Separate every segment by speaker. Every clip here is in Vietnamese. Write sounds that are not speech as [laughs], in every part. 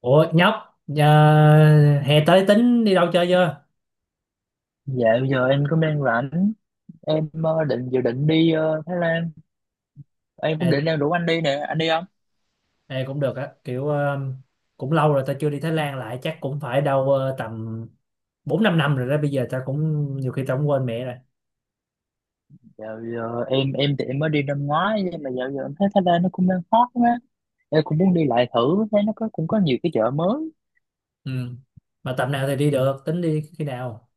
Speaker 1: Ủa nhóc, hè tới tính đi đâu chơi chưa?
Speaker 2: Dạ, bây giờ em cũng đang rảnh. Em dự định đi Thái Lan. Em
Speaker 1: Ê,
Speaker 2: cũng định đang rủ anh đi nè. Anh đi không?
Speaker 1: ê, cũng được á, kiểu cũng lâu rồi ta chưa đi Thái Lan lại, chắc cũng phải đâu tầm 4 5 năm rồi đó, bây giờ ta cũng nhiều khi ta cũng quên mẹ rồi.
Speaker 2: Dạ, bây giờ em thì em mới đi năm ngoái. Nhưng mà dạo giờ em thấy Thái Lan nó cũng đang hot quá. Em cũng muốn đi lại thử. Thấy nó cũng có nhiều cái chợ mới.
Speaker 1: Ừ. Mà tầm nào thì đi được, tính đi khi nào?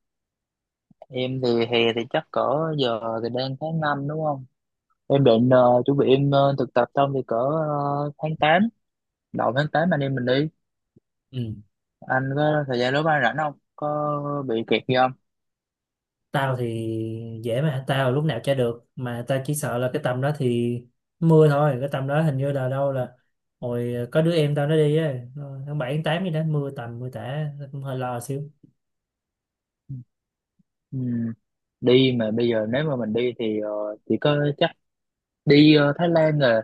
Speaker 2: Em thì hè thì chắc cỡ, giờ thì đang tháng năm, đúng không? Em định chuẩn bị em thực tập xong thì cỡ tháng tám. Đầu tháng 8 anh em mình đi.
Speaker 1: Ừ.
Speaker 2: Anh có thời gian lúc anh rảnh không? Có bị kẹt gì?
Speaker 1: Tao thì dễ mà, tao lúc nào chơi được, mà tao chỉ sợ là cái tầm đó thì mưa thôi, cái tầm đó hình như là đâu, là hồi có đứa em tao nó đi á, tháng 7 tháng 8 gì đó mưa tầm mưa tả, tao cũng hơi lo xíu.
Speaker 2: Ừ. Đi mà bây giờ nếu mà mình đi thì chỉ có chắc đi Thái Lan rồi,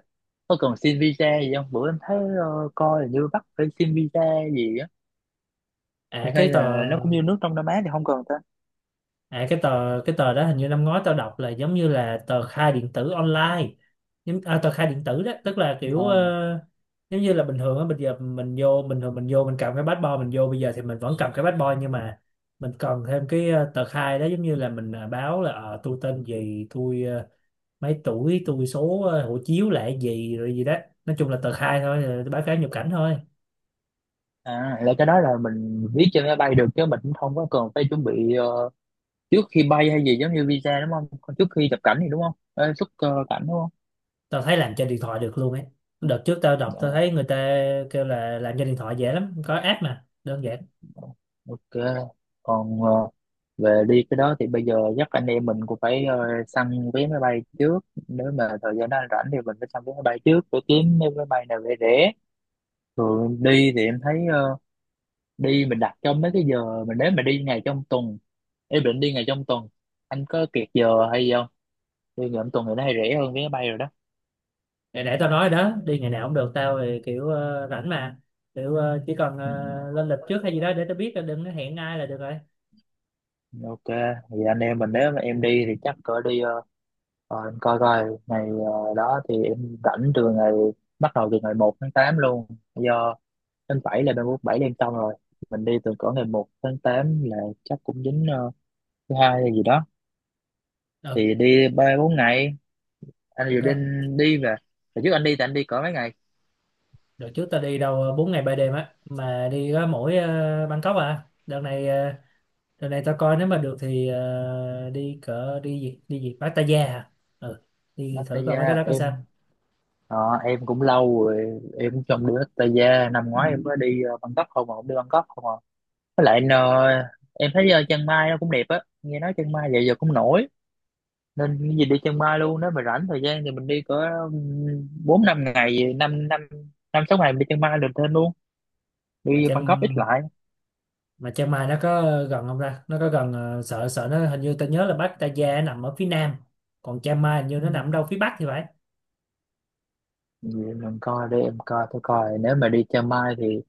Speaker 2: có cần xin visa gì không? Bữa em thấy coi là như bắt phải xin visa gì á.
Speaker 1: À cái
Speaker 2: Hay
Speaker 1: tờ
Speaker 2: là nó cũng như nước trong Đông Nam Á thì không cần ta.
Speaker 1: À, cái tờ đó hình như năm ngoái tao đọc là giống như là tờ khai điện tử online, tờ khai điện tử đó, tức là
Speaker 2: Ờ.
Speaker 1: kiểu giống như là bình thường á, bây giờ mình vô, bình thường mình vô, mình cầm cái passport mình vô, bây giờ thì mình vẫn cầm cái passport, nhưng mà mình cần thêm cái tờ khai đó, giống như là mình báo là tôi tên gì, tôi mấy tuổi, tôi số hộ chiếu là cái gì rồi gì đó, nói chung là tờ khai thôi, báo cáo nhập cảnh thôi.
Speaker 2: À, là cái đó là mình viết trên máy bay được chứ mình cũng không có cần phải chuẩn bị trước khi bay hay gì, giống như visa, đúng không? Còn trước khi nhập cảnh thì đúng không? Ờ, Xuất cảnh đúng không?
Speaker 1: Tao thấy làm trên điện thoại được luôn ấy, đợt trước tao đọc
Speaker 2: Ờ.
Speaker 1: tao thấy người ta kêu là làm trên điện thoại dễ lắm, có app mà đơn giản.
Speaker 2: Ok, còn về đi cái đó thì bây giờ chắc anh em mình cũng phải săn vé máy bay trước. Nếu mà thời gian đó anh rảnh thì mình phải săn vé máy bay trước để kiếm mấy máy bay nào rẻ rẻ. Thường đi thì em thấy đi mình đặt trong mấy cái giờ mình, nếu mà đi ngày trong tuần. Em định đi ngày trong tuần. Anh có kiệt giờ hay gì không? Đi ngày trong tuần thì nó hay rẻ hơn vé máy bay rồi đó.
Speaker 1: Để tao nói đó, đi ngày nào cũng được, tao thì kiểu rảnh mà, kiểu chỉ cần
Speaker 2: Ừ,
Speaker 1: lên lịch trước hay gì đó để tao biết là đừng có hẹn ai là được rồi.
Speaker 2: ok, thì anh em mình nếu mà em đi thì chắc cỡ đi rồi em coi coi ngày đó thì em rảnh từ ngày, bắt đầu từ ngày 1 tháng 8 luôn. Do tháng 7 là 37 đêm xong rồi. Mình đi từ cỡ ngày 1 tháng 8 là chắc cũng dính thứ hai hay gì đó,
Speaker 1: Ừ.
Speaker 2: thì đi ba bốn ngày. Anh dự
Speaker 1: Ok.
Speaker 2: định đi về? Hồi trước anh đi thì anh đi cỡ mấy ngày?
Speaker 1: Đợt trước tao đi đâu 4 ngày 3 đêm á, mà đi có mỗi Bangkok à. Đợt này tao coi, nếu mà được thì đi cỡ, đi gì Pattaya à. Ừ. Đi thử coi mấy cái
Speaker 2: Pattaya,
Speaker 1: đó có sao.
Speaker 2: ờ, em cũng lâu rồi em cũng không đi Pattaya. Năm ngoái em mới đi Bangkok không mà, không đi Bangkok không à. Với lại anh, em thấy Chiang Mai nó cũng đẹp á. Nghe nói Chiang Mai giờ giờ cũng nổi, nên cái gì đi chân Mai luôn. Nếu mà rảnh thời gian thì mình đi cỡ bốn năm ngày, năm năm, năm sáu ngày mình đi chân Mai được thêm luôn,
Speaker 1: mà
Speaker 2: đi
Speaker 1: trong
Speaker 2: Bangkok ít lại.
Speaker 1: mà Chiang Mai nó có gần không, ra nó có gần sợ, sợ nó hình như ta nhớ là Bắc, Pattaya nằm ở phía nam, còn Chiang Mai hình như
Speaker 2: Ừ.
Speaker 1: nó nằm đâu phía bắc thì phải.
Speaker 2: Vậy mình coi, để em coi tôi coi nếu mà đi Chiang Mai thì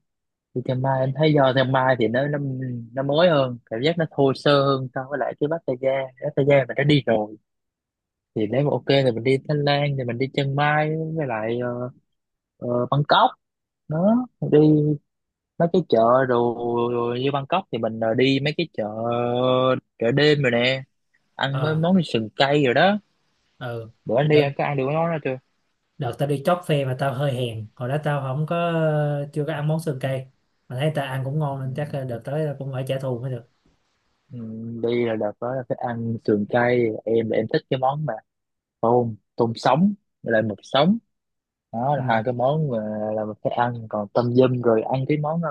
Speaker 2: đi Chiang Mai em thấy do Chiang Mai thì nó mới hơn, cảm giác nó thô sơ hơn so với lại cái Pattaya. Pattaya mình đã đi rồi, thì nếu mà ok thì mình đi Thái Lan thì mình đi Chiang Mai, với lại Bangkok đó. Đi mấy cái chợ, rồi như Bangkok thì mình đi mấy cái chợ, chợ đêm rồi nè, ăn mấy
Speaker 1: Ờ.
Speaker 2: món như sườn cay rồi đó.
Speaker 1: Ừ.
Speaker 2: Bữa anh đi
Speaker 1: đợt
Speaker 2: anh có ăn được cái món đó chưa?
Speaker 1: đợt tao đi chót phê mà tao hơi hèn, hồi đó tao không có, chưa có ăn món sườn cây, mà thấy tao ăn cũng ngon nên chắc
Speaker 2: Ừ.
Speaker 1: đợt tới tao cũng phải trả thù mới được.
Speaker 2: Ừ, đi là đợt đó là phải ăn sườn cay. Em là em thích cái món mà tôm tôm sống với lại mực sống. Đó là
Speaker 1: Ừ.
Speaker 2: hai cái món mà là mình phải ăn. Còn tâm dâm rồi ăn cái món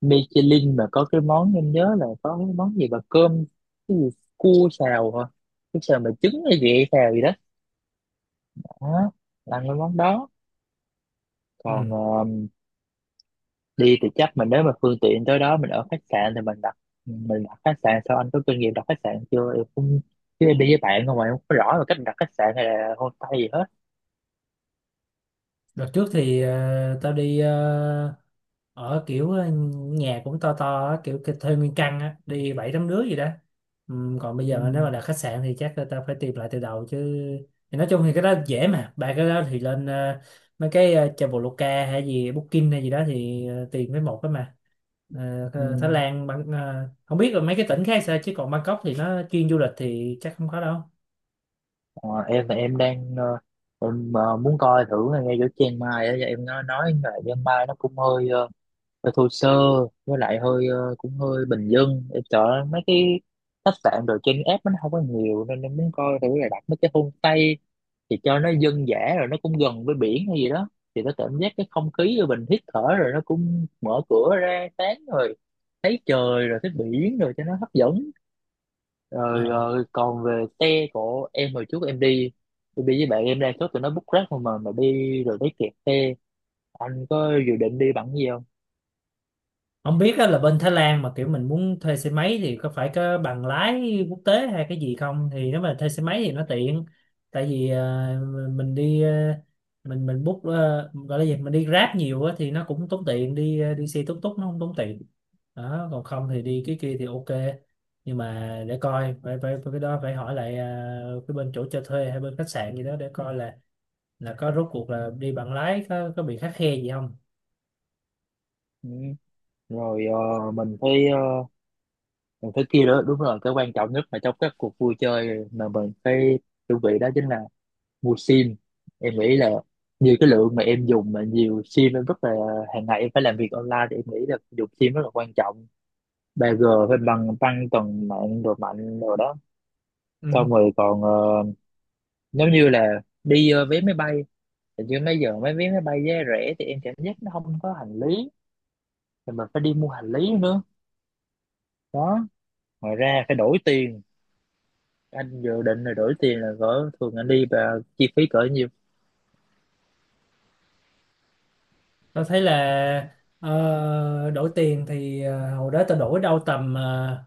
Speaker 2: Michelin mà có cái món, em nhớ là có cái món gì mà cơm, cái gì, cua xào hả, cái xào mà trứng hay gì xào gì đó, đó. Là ăn cái món đó. Còn
Speaker 1: Ừ.
Speaker 2: đi thì chắc mình, nếu mà phương tiện tới đó mình ở khách sạn thì mình đặt, mình đặt khách sạn sao? Anh có kinh nghiệm đặt khách sạn chưa? Em cũng, chứ em đi với bạn không mà em không có rõ là cách đặt khách sạn hay là homestay gì hết.
Speaker 1: Đợt trước thì tao đi ở kiểu nhà cũng to to á, kiểu thuê nguyên căn á, đi bảy tám đứa gì đó. Còn bây
Speaker 2: Ừ.
Speaker 1: giờ nếu mà đặt khách sạn thì chắc là tao phải tìm lại từ đầu chứ. Thì nói chung thì cái đó dễ mà, ba cái đó thì lên mấy cái Traveloka hay gì, Booking hay gì đó, thì tìm với một cái mà. Ờ,
Speaker 2: Ừ.
Speaker 1: Thái Lan không biết là mấy cái tỉnh khác sao, chứ còn Bangkok thì nó chuyên du lịch thì chắc không có đâu.
Speaker 2: Ờ, em thì em đang muốn coi thử ngay chỗ Chiang Mai á. Em nó nói là Chiang Mai nó cũng hơi hơi thô sơ, với lại hơi cũng hơi bình dân. Em sợ mấy cái khách sạn rồi trên app nó không có nhiều, nên em muốn coi thử là đặt mấy cái homestay thì cho nó dân dã, rồi nó cũng gần với biển hay gì đó, thì nó cảm giác cái không khí rồi mình hít thở, rồi nó cũng mở cửa ra sáng rồi thấy trời rồi thấy biển rồi cho nó hấp dẫn. Rồi, còn về xe của em, hồi trước em đi, em đi với bạn em, đa số tụi nó book Grab không mà đi rồi thấy kẹt xe. Anh có dự định đi bằng cái gì không?
Speaker 1: Không biết á, là bên Thái Lan mà kiểu mình muốn thuê xe máy thì có phải có bằng lái quốc tế hay cái gì không, thì nếu mà thuê xe máy thì nó tiện. Tại vì mình đi mình book gọi là gì, mình đi Grab nhiều á, thì nó cũng tốn tiền, đi đi xe túc túc nó không tốn tiền, đó, còn không
Speaker 2: Ừ.
Speaker 1: thì đi cái kia thì ok. Nhưng mà để coi, phải phải phải cái đó phải hỏi lại cái bên chỗ cho thuê hay bên khách sạn gì đó để coi là có rốt cuộc là đi bằng lái có bị khắt khe gì không.
Speaker 2: Ừ. Rồi mình thấy mình thấy kia đó đúng rồi, cái quan trọng nhất mà trong các cuộc vui chơi mà mình phải chuẩn bị đó chính là mua sim. Em nghĩ là nhiều cái lượng mà em dùng mà nhiều sim em rất là, hàng ngày em phải làm việc online thì em nghĩ là dùng sim rất là quan trọng. 3G phải bằng tăng tuần mạng rồi mạnh rồi đó. Xong
Speaker 1: Ừ.
Speaker 2: rồi còn nếu như là đi vé máy bay thì như mấy giờ mấy vé máy bay giá rẻ thì em cảm giác nó không có hành lý, thì mình phải đi mua hành lý nữa đó. Ngoài ra phải đổi tiền. Anh dự định là đổi tiền là cỡ, thường anh đi và chi phí cỡ nhiêu?
Speaker 1: Tao thấy là đổi tiền thì hồi đó tao đổi đâu tầm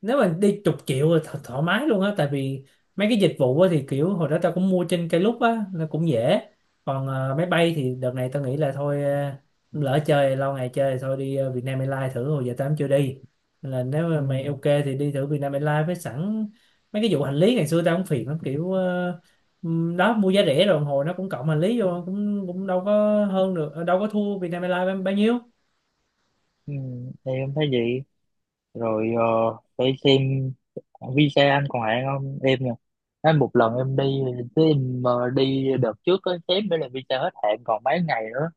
Speaker 1: nếu mà đi chục triệu là thoải mái luôn á, tại vì mấy cái dịch vụ á thì kiểu hồi đó tao cũng mua trên Klook á nó cũng dễ. Còn máy bay thì đợt này tao nghĩ là thôi, lỡ chơi lâu ngày, chơi thì thôi đi Vietnam Airlines thử, hồi giờ tao cũng chưa đi. Nên là nếu mà
Speaker 2: Ừ,
Speaker 1: mày ok thì đi thử Vietnam Airlines, với sẵn mấy cái vụ hành lý ngày xưa tao cũng phiền lắm, kiểu đó, mua giá rẻ rồi hồi nó cũng cộng hành lý vô cũng cũng đâu có hơn được, đâu có thua Vietnam Airlines bao bao nhiêu.
Speaker 2: ừ, em thấy vậy. Rồi phải xem visa anh còn hạn không em nha. Anh một lần em đi, cái em đi đợt trước á xém nữa là visa hết hạn còn mấy ngày nữa.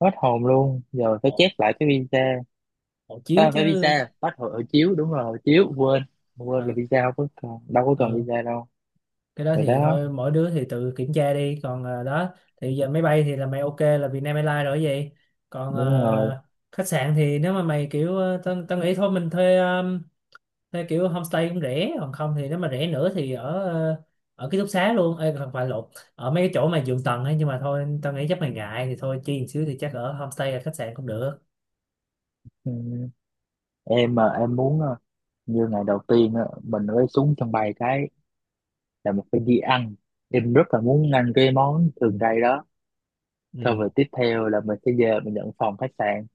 Speaker 2: Hết hồn luôn, giờ phải
Speaker 1: Ồ,
Speaker 2: chép lại cái visa.
Speaker 1: hộ chiếu
Speaker 2: À,
Speaker 1: chứ.
Speaker 2: phải visa bắt hộ hộ chiếu đúng rồi, hộ chiếu quên, quên là
Speaker 1: Ờ,
Speaker 2: visa không có cần đâu, có cần
Speaker 1: ờ.
Speaker 2: visa đâu.
Speaker 1: Cái đó
Speaker 2: Rồi
Speaker 1: thì
Speaker 2: đó,
Speaker 1: thôi, mỗi đứa thì tự kiểm tra đi, còn đó, thì giờ máy bay thì là mày ok là Vietnam Airlines rồi vậy. Còn
Speaker 2: đúng rồi.
Speaker 1: khách sạn thì, nếu mà mày kiểu tao tao nghĩ thôi mình thuê, thuê kiểu homestay cũng rẻ, còn không thì nếu mà rẻ nữa thì ở ký túc xá luôn. Ê, không phải, lộn, ở mấy cái chỗ mà giường tầng ấy, nhưng mà thôi tao nghĩ chắc mày ngại thì thôi chi một xíu thì chắc ở homestay, ở khách sạn cũng được.
Speaker 2: Ừ. Em em muốn như ngày đầu tiên á, mình mới xuống sân bay cái là mình phải đi ăn. Em rất là muốn ăn cái món thường đây đó.
Speaker 1: Ừ.
Speaker 2: Xong rồi tiếp theo là mình sẽ về mình nhận phòng khách sạn.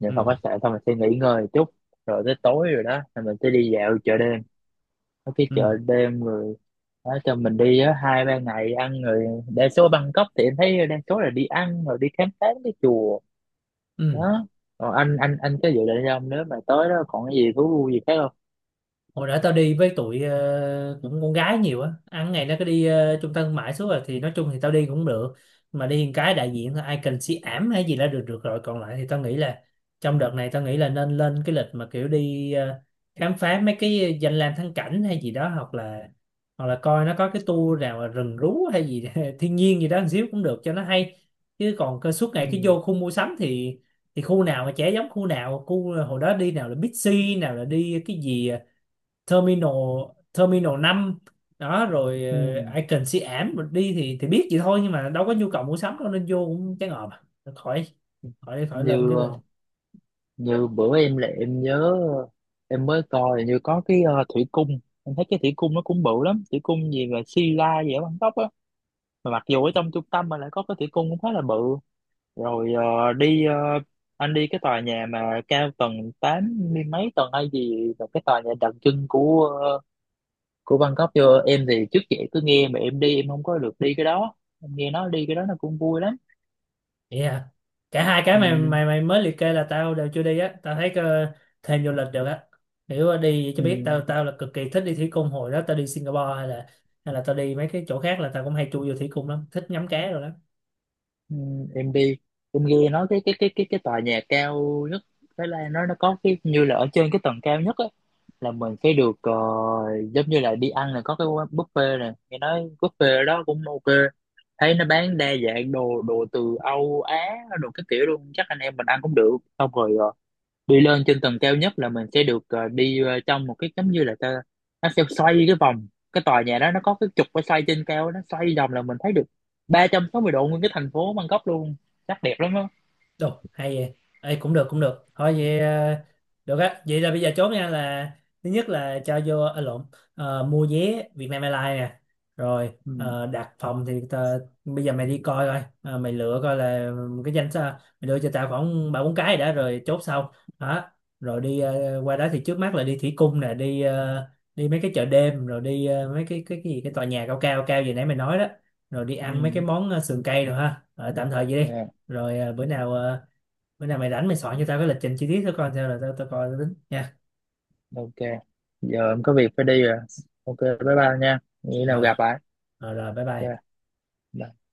Speaker 2: Nhận phòng
Speaker 1: Ừ.
Speaker 2: khách sạn xong mình sẽ nghỉ ngơi chút. Rồi tới tối rồi đó là mình sẽ đi dạo chợ đêm. Có cái
Speaker 1: Ừ.
Speaker 2: chợ đêm rồi đó, cho mình đi á, hai ba ngày ăn. Rồi đa số Bangkok thì em thấy đa số là đi ăn rồi đi khám phá cái chùa
Speaker 1: Ừ.
Speaker 2: đó. Còn anh có dự định không, nếu mà tới đó còn cái gì thú vui gì khác không?
Speaker 1: Hồi đó tao đi với tụi cũng con gái nhiều á, ăn ngày nó cứ đi trung tâm thương mại suốt, rồi thì nói chung thì tao đi cũng được, mà đi một cái đại diện thôi, ai cần si ảm hay gì là được được rồi còn lại thì tao nghĩ là, trong đợt này tao nghĩ là nên lên cái lịch mà kiểu đi khám phá mấy cái danh lam thắng cảnh hay gì đó, hoặc là coi nó có cái tour nào mà rừng rú hay gì [laughs] thiên nhiên gì đó một xíu cũng được cho nó hay. Chứ còn cơ suốt
Speaker 2: Ừ.
Speaker 1: ngày cứ vô khu mua sắm thì khu nào mà chả giống khu nào. Khu hồi đó đi, nào là Big C, nào là đi cái gì Terminal Terminal năm, đó rồi
Speaker 2: Ừ.
Speaker 1: Icon Siam, ảm mình đi thì biết vậy thôi nhưng mà đâu có nhu cầu mua sắm đâu nên vô cũng chán ngợp à. Thôi khỏi, khỏi khỏi lên
Speaker 2: Như
Speaker 1: cái lên.
Speaker 2: như bữa em là em nhớ, ờ, em mới coi như có cái thủy cung. Em thấy cái thủy cung nó cũng bự lắm, thủy cung gì mà Sila la gì ở Bangkok á. Mà mặc dù ở trong trung tâm mà lại có cái thủy cung cũng khá là bự. Rồi anh đi cái tòa nhà mà cao tầng 80 mấy tầng hay gì là cái tòa nhà đặc trưng của của Bangkok chưa? Em thì trước vậy cứ nghe mà em đi, em không có được đi cái đó. Em nghe nói đi cái đó nó cũng vui lắm.
Speaker 1: Yeah. Cả hai cái mày
Speaker 2: Ừ,
Speaker 1: mày mày mới liệt kê là tao đều chưa đi á, tao thấy thêm vô lịch được á, kiểu đi cho biết.
Speaker 2: ừ.
Speaker 1: Tao tao là cực kỳ thích đi thủy cung, hồi đó tao đi Singapore, hay là tao đi mấy cái chỗ khác là tao cũng hay chui vô thủy cung lắm, thích ngắm cá rồi đó.
Speaker 2: Ừ, em đi em nghe nói cái tòa nhà cao nhất Thái Lan nó có cái như là ở trên cái tầng cao nhất á, là mình sẽ được giống như là đi ăn, là có cái quán buffet nè. Nghe nói buffet ở đó cũng ok, thấy nó bán đa dạng đồ đồ từ Âu Á, đồ cái kiểu luôn, chắc anh em mình ăn cũng được. Xong rồi đi lên trên tầng cao nhất là mình sẽ được đi trong một cái giống như là ta, nó sẽ xoay cái vòng. Cái tòa nhà đó nó có cái trục phải xoay trên cao, nó xoay vòng là mình thấy được 360° nguyên cái thành phố Bangkok luôn. Chắc đẹp lắm á.
Speaker 1: Đồ, hay vậy. Ê, cũng được, cũng được. Thôi vậy, được á. Vậy là bây giờ chốt nha, là thứ nhất là cho vô, à, lộn, ờ, mua vé Vietnam Airlines nè. Rồi,
Speaker 2: Ừ.
Speaker 1: đặt phòng thì, bây giờ mày đi coi coi. Ờ, mày lựa coi là cái danh sách, mày lựa cho tao khoảng ba bốn cái đã rồi chốt sau. Đó. Rồi đi qua đó thì trước mắt là đi thủy cung nè, đi ờ, đi mấy cái chợ đêm, rồi đi mấy cái gì cái tòa nhà cao cao cao gì nãy mày nói đó. Rồi đi ăn mấy cái
Speaker 2: Ừ.
Speaker 1: món sườn cây rồi ha. Ờ, tạm thời vậy đi.
Speaker 2: Dạ.
Speaker 1: Rồi bữa nào mày rảnh, mày soạn cho tao cái lịch trình chi tiết thôi coi sao, là tao tao coi, tao tính nha.
Speaker 2: Ok, giờ em có việc phải đi rồi. Ok, bye bye nha, nghĩ nào
Speaker 1: Rồi,
Speaker 2: gặp lại.
Speaker 1: rồi rồi, bye bye.
Speaker 2: Dạ. Bye.